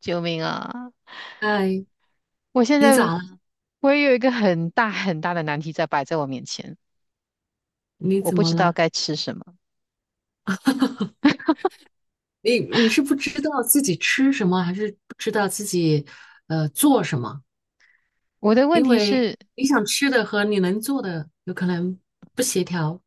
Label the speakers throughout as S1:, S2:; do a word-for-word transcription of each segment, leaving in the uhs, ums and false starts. S1: 救命啊！
S2: 哎，
S1: 我现
S2: 你
S1: 在
S2: 咋了？
S1: 我也有一个很大很大的难题在摆在我面前，
S2: 你
S1: 我
S2: 怎
S1: 不
S2: 么
S1: 知道
S2: 了？
S1: 该吃什么。
S2: 你你是不知道自己吃什么，还是不知道自己呃做什么？
S1: 我的问
S2: 因
S1: 题
S2: 为
S1: 是，
S2: 你想吃的和你能做的有可能不协调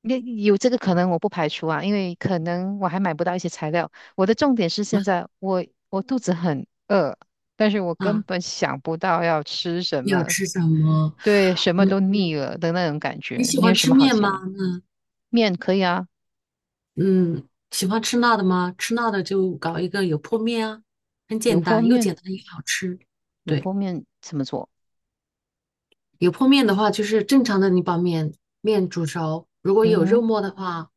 S1: 那有这个可能我不排除啊，因为可能我还买不到一些材料。我的重点是现在我我肚子很饿，但是我根
S2: 啊。
S1: 本想不到要吃什
S2: 你要
S1: 么，
S2: 吃什么？
S1: 对，什么
S2: 嗯，
S1: 都腻了的那种感
S2: 你
S1: 觉。
S2: 喜
S1: 你
S2: 欢
S1: 有什
S2: 吃
S1: 么好
S2: 面
S1: 吃
S2: 吗？
S1: 吗？面可以啊，
S2: 嗯，喜欢吃辣的吗？吃辣的就搞一个油泼面啊，很
S1: 油
S2: 简
S1: 泼
S2: 单，又
S1: 面，
S2: 简单又好吃。
S1: 油
S2: 对。
S1: 泼面怎么做？
S2: 油泼面的话，就是正常的，你把面面煮熟。如果
S1: 嗯
S2: 有肉
S1: 哼，
S2: 末的话，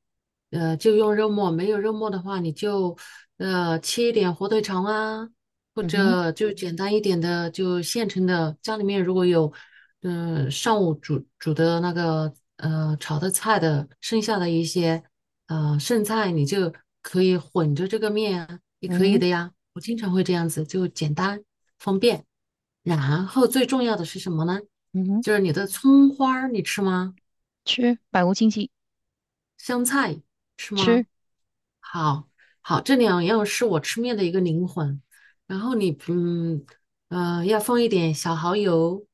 S2: 呃，就用肉末；没有肉末的话，你就呃切一点火腿肠啊，或
S1: 嗯哼，
S2: 者就简单一点的，就现成的。家里面如果有，嗯、上午煮煮的那个呃炒的菜的剩下的一些呃剩菜，你就可以混着这个面啊，也
S1: 嗯
S2: 可以
S1: 哼，
S2: 的呀。我经常会这样子，就简单方便。然后最重要的是什么呢？
S1: 嗯哼，
S2: 就是你的葱花儿你吃吗？
S1: 吃，百无禁忌。
S2: 香菜吃
S1: 吃，
S2: 吗？好，好，这两样是我吃面的一个灵魂。然后你嗯呃要放一点小蚝油，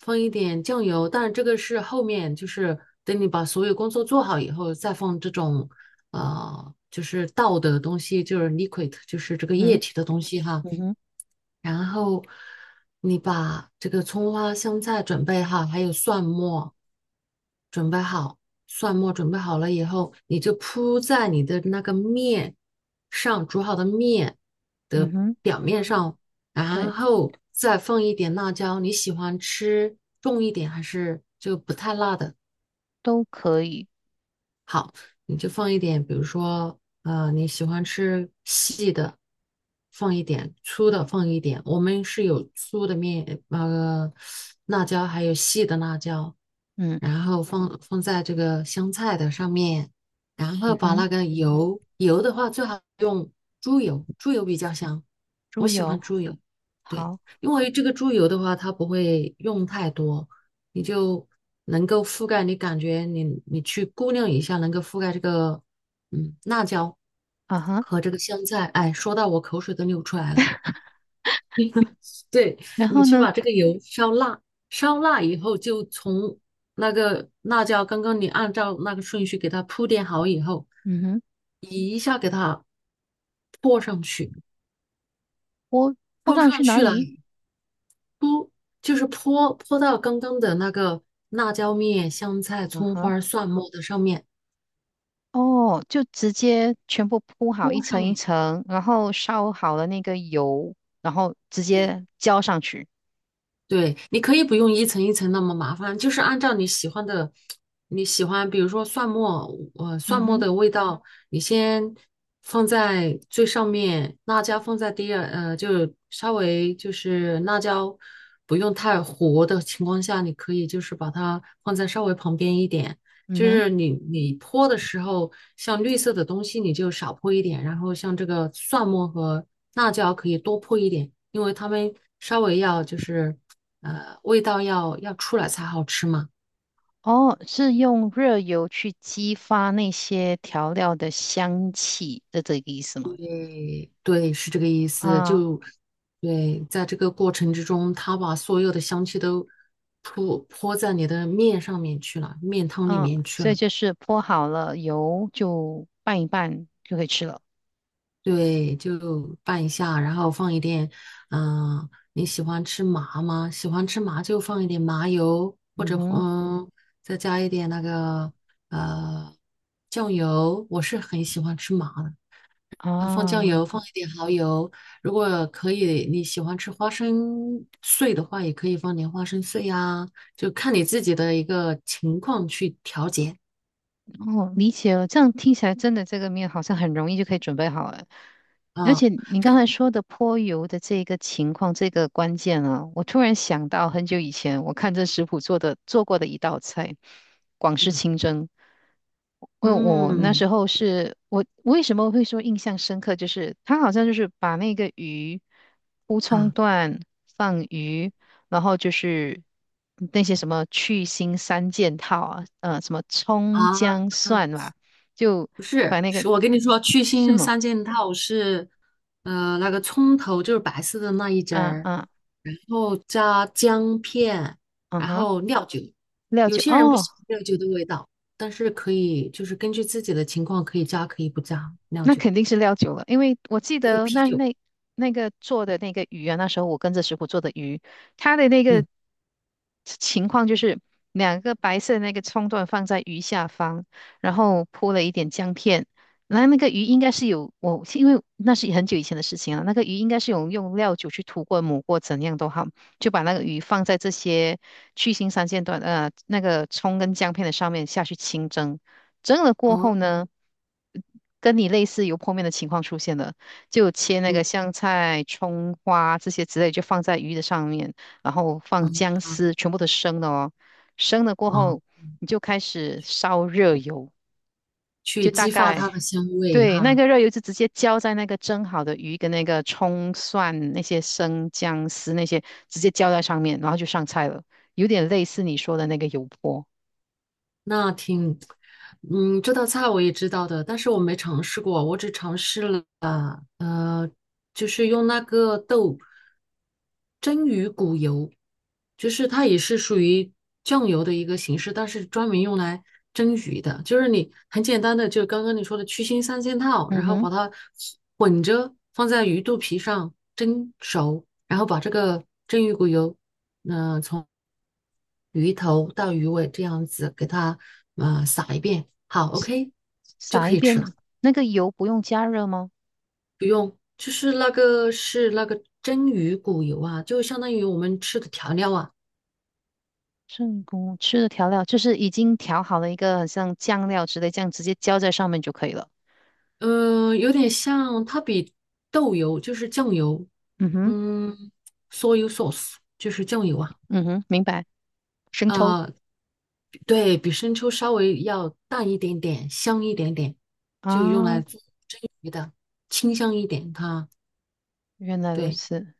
S2: 放一点酱油，但是这个是后面就是等你把所有工作做好以后再放这种呃就是倒的东西，就是 liquid，就是这个液
S1: 嗯哼
S2: 体的东西哈。
S1: 嗯哼
S2: 然后你把这个葱花、香菜准备好，还有蒜末准备好。蒜末准备好了以后，你就铺在你的那个面上，煮好的面
S1: 嗯
S2: 的
S1: 哼，
S2: 表面上，然
S1: 对，
S2: 后再放一点辣椒。你喜欢吃重一点还是就不太辣的？
S1: 都可以，
S2: 好，你就放一点，比如说，呃，你喜欢吃细的，放一点；粗的放一点。我们是有粗的面，那个辣椒，还有细的辣椒，
S1: 嗯
S2: 然后放放在这个香菜的上面，然后
S1: 嗯
S2: 把
S1: 哼，
S2: 那个油，油的话最好用猪油，猪油比较香，我
S1: 猪
S2: 喜欢
S1: 油，
S2: 猪油，对，
S1: 好
S2: 因为这个猪油的话，它不会用太多。你就能够覆盖，你感觉你你去估量一下，能够覆盖这个嗯辣椒
S1: 啊哈，
S2: 和这个香菜。哎，说到我口水都流出来了。对，
S1: 然
S2: 你
S1: 后
S2: 去
S1: 呢，
S2: 把这个油烧辣，烧辣以后就从那个辣椒，刚刚你按照那个顺序给它铺垫好以后，
S1: 嗯哼，
S2: 泼上去，
S1: 泼泼
S2: 泼
S1: 上去
S2: 上
S1: 哪
S2: 去了
S1: 里？
S2: 就是泼泼到刚刚的那个辣椒面、香菜、
S1: 啊
S2: 葱
S1: 哈，
S2: 花、蒜末的上面，
S1: 哦，就直接全部铺好一
S2: 泼上
S1: 层一
S2: 面。
S1: 层，然后烧好了那个油，然后直
S2: 对。
S1: 接浇上去，
S2: 对，你可以不用一层一层那么麻烦，就是按照你喜欢的，你喜欢，比如说蒜末，呃，蒜
S1: 嗯
S2: 末
S1: 哼
S2: 的味道，你先放在最上面，辣椒放在第二，呃，就稍微就是辣椒不用太糊的情况下，你可以就是把它放在稍微旁边一点，
S1: 嗯
S2: 就
S1: 哼，
S2: 是你你泼的时候，像绿色的东西你就少泼一点，然后像这个蒜末和辣椒可以多泼一点，因为它们稍微要就是。呃，味道要要出来才好吃嘛。
S1: 哦，是用热油去激发那些调料的香气的这个意思吗？
S2: 对，是这个意思。
S1: 啊
S2: 就对，在这个过程之中，他把所有的香气都泼泼在你的面上面去了，面汤里
S1: 嗯，
S2: 面去
S1: 所以
S2: 了。
S1: 就是泼好了油就拌一拌就可以吃了。
S2: 对，就拌一下，然后放一点，嗯、你喜欢吃麻吗？喜欢吃麻就放一点麻油，或
S1: 嗯
S2: 者
S1: 哼，
S2: 嗯，再加一点那个呃酱油。我是很喜欢吃麻的。啊，放酱
S1: 啊。
S2: 油，放一点蚝油。如果可以，你喜欢吃花生碎的话，也可以放点花生碎呀，就看你自己的一个情况去调节
S1: 哦，理解了。这样听起来真的这个面好像很容易就可以准备好了。而且
S2: 啊。
S1: 你刚才说的泼油的这个情况，这个关键啊，我突然想到很久以前我看这食谱做的做过的一道菜——广式
S2: 嗯。
S1: 清蒸。因为我那
S2: 嗯。
S1: 时候是我我为什么会说印象深刻，就是他好像就是把那个鱼乌
S2: 啊。
S1: 葱段放鱼，然后就是那些什么去腥三件套啊，呃，什么
S2: 啊
S1: 葱
S2: 啊，
S1: 姜蒜吧，就
S2: 不是，
S1: 把那个
S2: 是我跟你说，去
S1: 是
S2: 腥
S1: 吗？
S2: 三件套是，呃，那个葱头就是白色的那一截
S1: 啊
S2: 儿，
S1: 啊
S2: 然后加姜片，
S1: 啊
S2: 然
S1: 哈，
S2: 后料酒。
S1: 料
S2: 有
S1: 酒
S2: 些人不
S1: 哦。
S2: 喜欢料酒的味道，但是可以就是根据自己的情况可以加可以不加料
S1: 那
S2: 酒，
S1: 肯定是料酒了，因为我记
S2: 这个
S1: 得
S2: 啤
S1: 那
S2: 酒，
S1: 那那个做的那个鱼啊，那时候我跟着师傅做的鱼，它的那个
S2: 嗯，
S1: 情况就是两个白色的那个葱段放在鱼下方，然后铺了一点姜片，然后那个鱼应该是有我，因为那是很久以前的事情了，那个鱼应该是有用料酒去涂过、抹过，怎样都好，就把那个鱼放在这些去腥三线段呃那个葱跟姜片的上面下去清蒸。蒸了过后
S2: 哦，
S1: 呢，呃跟你类似油泼面的情况出现了，就切那个
S2: 嗯
S1: 香菜、葱花这些之类，就放在鱼的上面，然后放
S2: 嗯
S1: 姜丝，全部都生的哦。生了过
S2: 哦，
S1: 后，你就开始烧热油，就
S2: 去
S1: 大
S2: 激发
S1: 概
S2: 它的香味
S1: 对那
S2: 哈。
S1: 个热油就直接浇在那个蒸好的鱼跟那个葱蒜那些生姜丝那些，直接浇在上面，然后就上菜了，有点类似你说的那个油泼。
S2: 那挺，嗯，这道菜我也知道的，但是我没尝试过，我只尝试了，呃，就是用那个豆蒸鱼骨油，就是它也是属于酱油的一个形式，但是专门用来蒸鱼的，就是你很简单的，就刚刚你说的去腥三件套，
S1: 嗯
S2: 然后
S1: 哼。
S2: 把它混着放在鱼肚皮上蒸熟，然后把这个蒸鱼骨油那从鱼头到鱼尾这样子给它呃撒一遍，好，OK，就
S1: 撒
S2: 可
S1: 一
S2: 以吃了，
S1: 遍，那个油不用加热吗？
S2: 不用。就是那个是那个蒸鱼骨油啊，就相当于我们吃的调料啊，
S1: 正宫吃的调料就是已经调好了一个很像酱料之类，这样直接浇在上面就可以了。
S2: 嗯、呃有点像它比豆油就是酱油，
S1: 嗯哼，
S2: 嗯，soy sauce 就是酱油啊，
S1: 嗯哼，明白。生抽
S2: 啊、对比生抽稍微要淡一点点，香一点点，就用来
S1: 啊，
S2: 做蒸鱼的，清香一点它，
S1: 原来如
S2: 对。
S1: 此。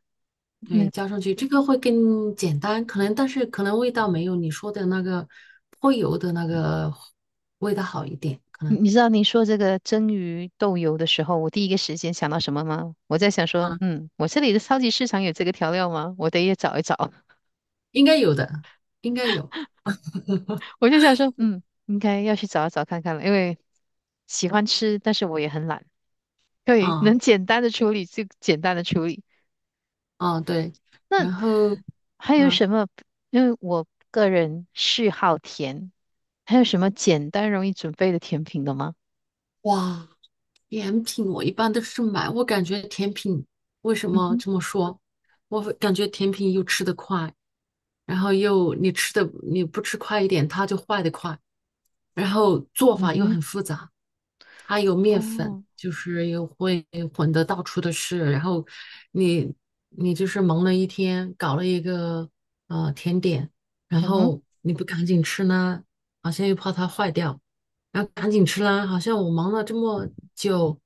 S2: 对，
S1: 那
S2: 浇上去这个会更简单，可能但是可能味道没有你说的那个泼油的那个味道好一点，可能
S1: 你知道你说这个蒸鱼豆油的时候，我第一个时间想到什么吗？我在想说，
S2: 啊，
S1: 嗯，我这里的超级市场有这个调料吗？我得也找一找。
S2: 应该有的，应该有，
S1: 我就想说，嗯，应该要去找一找看看了，因为喜欢吃，但是我也很懒。对，能
S2: 啊
S1: 简单的处理就简单的处理。
S2: 啊对，
S1: 那
S2: 然后
S1: 还有
S2: 啊，
S1: 什么？因为我个人嗜好甜，还有什么简单容易准备的甜品的吗？
S2: 哇，甜品我一般都是买，我感觉甜品为什
S1: 嗯
S2: 么
S1: 哼，
S2: 这么说？我会感觉甜品又吃得快，然后又你吃的你不吃快一点，它就坏得快，然后做
S1: 嗯
S2: 法又
S1: 哼，
S2: 很复杂，它有面粉，
S1: 哦，
S2: 就是又会混得到处都是，然后你你就是忙了一天，搞了一个呃甜点，然
S1: 嗯哼，
S2: 后你不赶紧吃呢，好像又怕它坏掉。然后赶紧吃啦，好像我忙了这么久，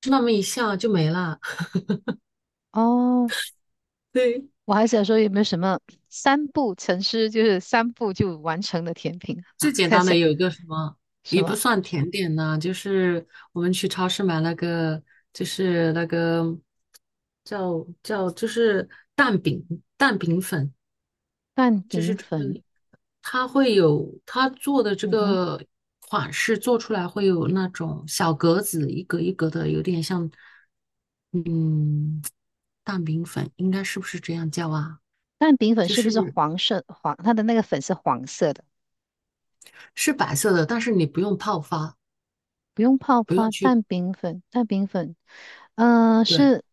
S2: 吃那么一下就没了。
S1: 哦，
S2: 对，
S1: 我还想说有没有什么三步成诗，就是三步就完成的甜品啊？
S2: 最 简
S1: 看一
S2: 单
S1: 下
S2: 的有一个什么，
S1: 什
S2: 也不
S1: 么
S2: 算甜点呐、就是我们去超市买那个，就是那个叫叫就是蛋饼，蛋饼粉，
S1: 蛋
S2: 就是
S1: 饼
S2: 专
S1: 粉，
S2: 门它会有它做的这
S1: 嗯哼，
S2: 个款式做出来会有那种小格子，一格一格的，有点像嗯蛋饼粉，应该是不是这样叫啊？
S1: 蛋饼粉
S2: 就
S1: 是不是
S2: 是。
S1: 黄色？黄，它的那个粉是黄色的。
S2: 是白色的，但是你不用泡发。
S1: 不用泡发蛋饼粉，蛋饼粉，嗯、
S2: 对，
S1: 是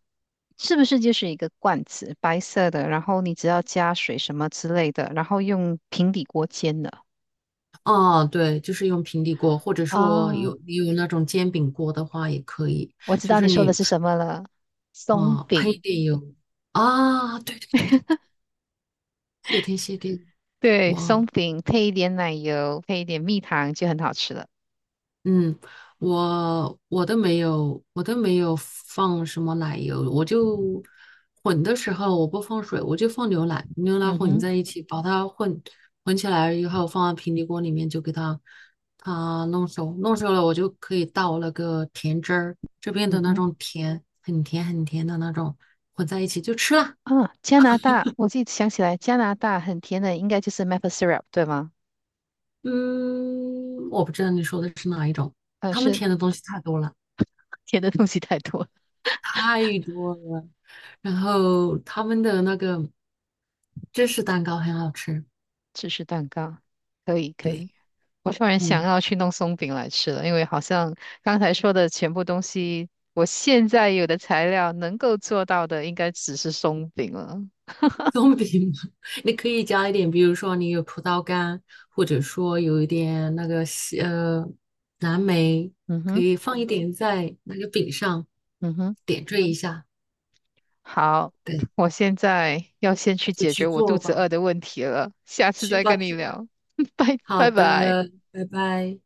S1: 是不是就是一个罐子，白色的，然后你只要加水什么之类的，然后用平底锅煎的
S2: 啊，对，就是用平底锅，或者说
S1: 啊？
S2: 有你有那种煎饼锅的话也可以，
S1: 我知
S2: 就
S1: 道
S2: 是
S1: 你说
S2: 你
S1: 的是什么了，松
S2: 啊、喷一
S1: 饼，
S2: 点油啊，对对对，谢天谢地，
S1: 对，
S2: 哇，
S1: 松饼配一点奶油，配一点蜜糖就很好吃了。
S2: 嗯，我我都没有，我都没有放什么奶油，我就混的时候我不放水，我就放牛奶，牛奶
S1: 嗯
S2: 混
S1: 哼，
S2: 在一起，把它混混起来以后，放在平底锅里面就给它它弄熟，弄熟了我就可以倒那个甜汁儿，这边的
S1: 嗯
S2: 那
S1: 哼，
S2: 种甜，很甜很甜的那种，混在一起就吃了。
S1: 啊，加拿大，我自己想起来，加拿大很甜的，应该就是 maple syrup 对吗？
S2: 嗯，我不知道你说的是哪一种，
S1: 呃，
S2: 他们
S1: 是
S2: 甜的东西太多了。
S1: 甜的东西太多了，
S2: 太多了。然后他们的那个芝士蛋糕很好吃，
S1: 芝士蛋糕，可以，可
S2: 对，
S1: 以。我突然想
S2: 嗯，
S1: 要去弄松饼来吃了，因为好像刚才说的全部东西，我现在有的材料能够做到的，应该只是松饼了。
S2: 松饼 你可以加一点，比如说你有葡萄干，或者说有一点那个西呃蓝莓，
S1: 嗯
S2: 可
S1: 哼，
S2: 以放一点在那个饼上，
S1: 嗯哼，
S2: 点缀一下，
S1: 好，
S2: 对，
S1: 我现在要先去
S2: 就
S1: 解
S2: 去
S1: 决我肚
S2: 做
S1: 子
S2: 吧，
S1: 饿的问题了，下次
S2: 去
S1: 再
S2: 吧
S1: 跟你
S2: 去吧，
S1: 聊，拜
S2: 好
S1: 拜
S2: 的，
S1: 拜。
S2: 拜拜。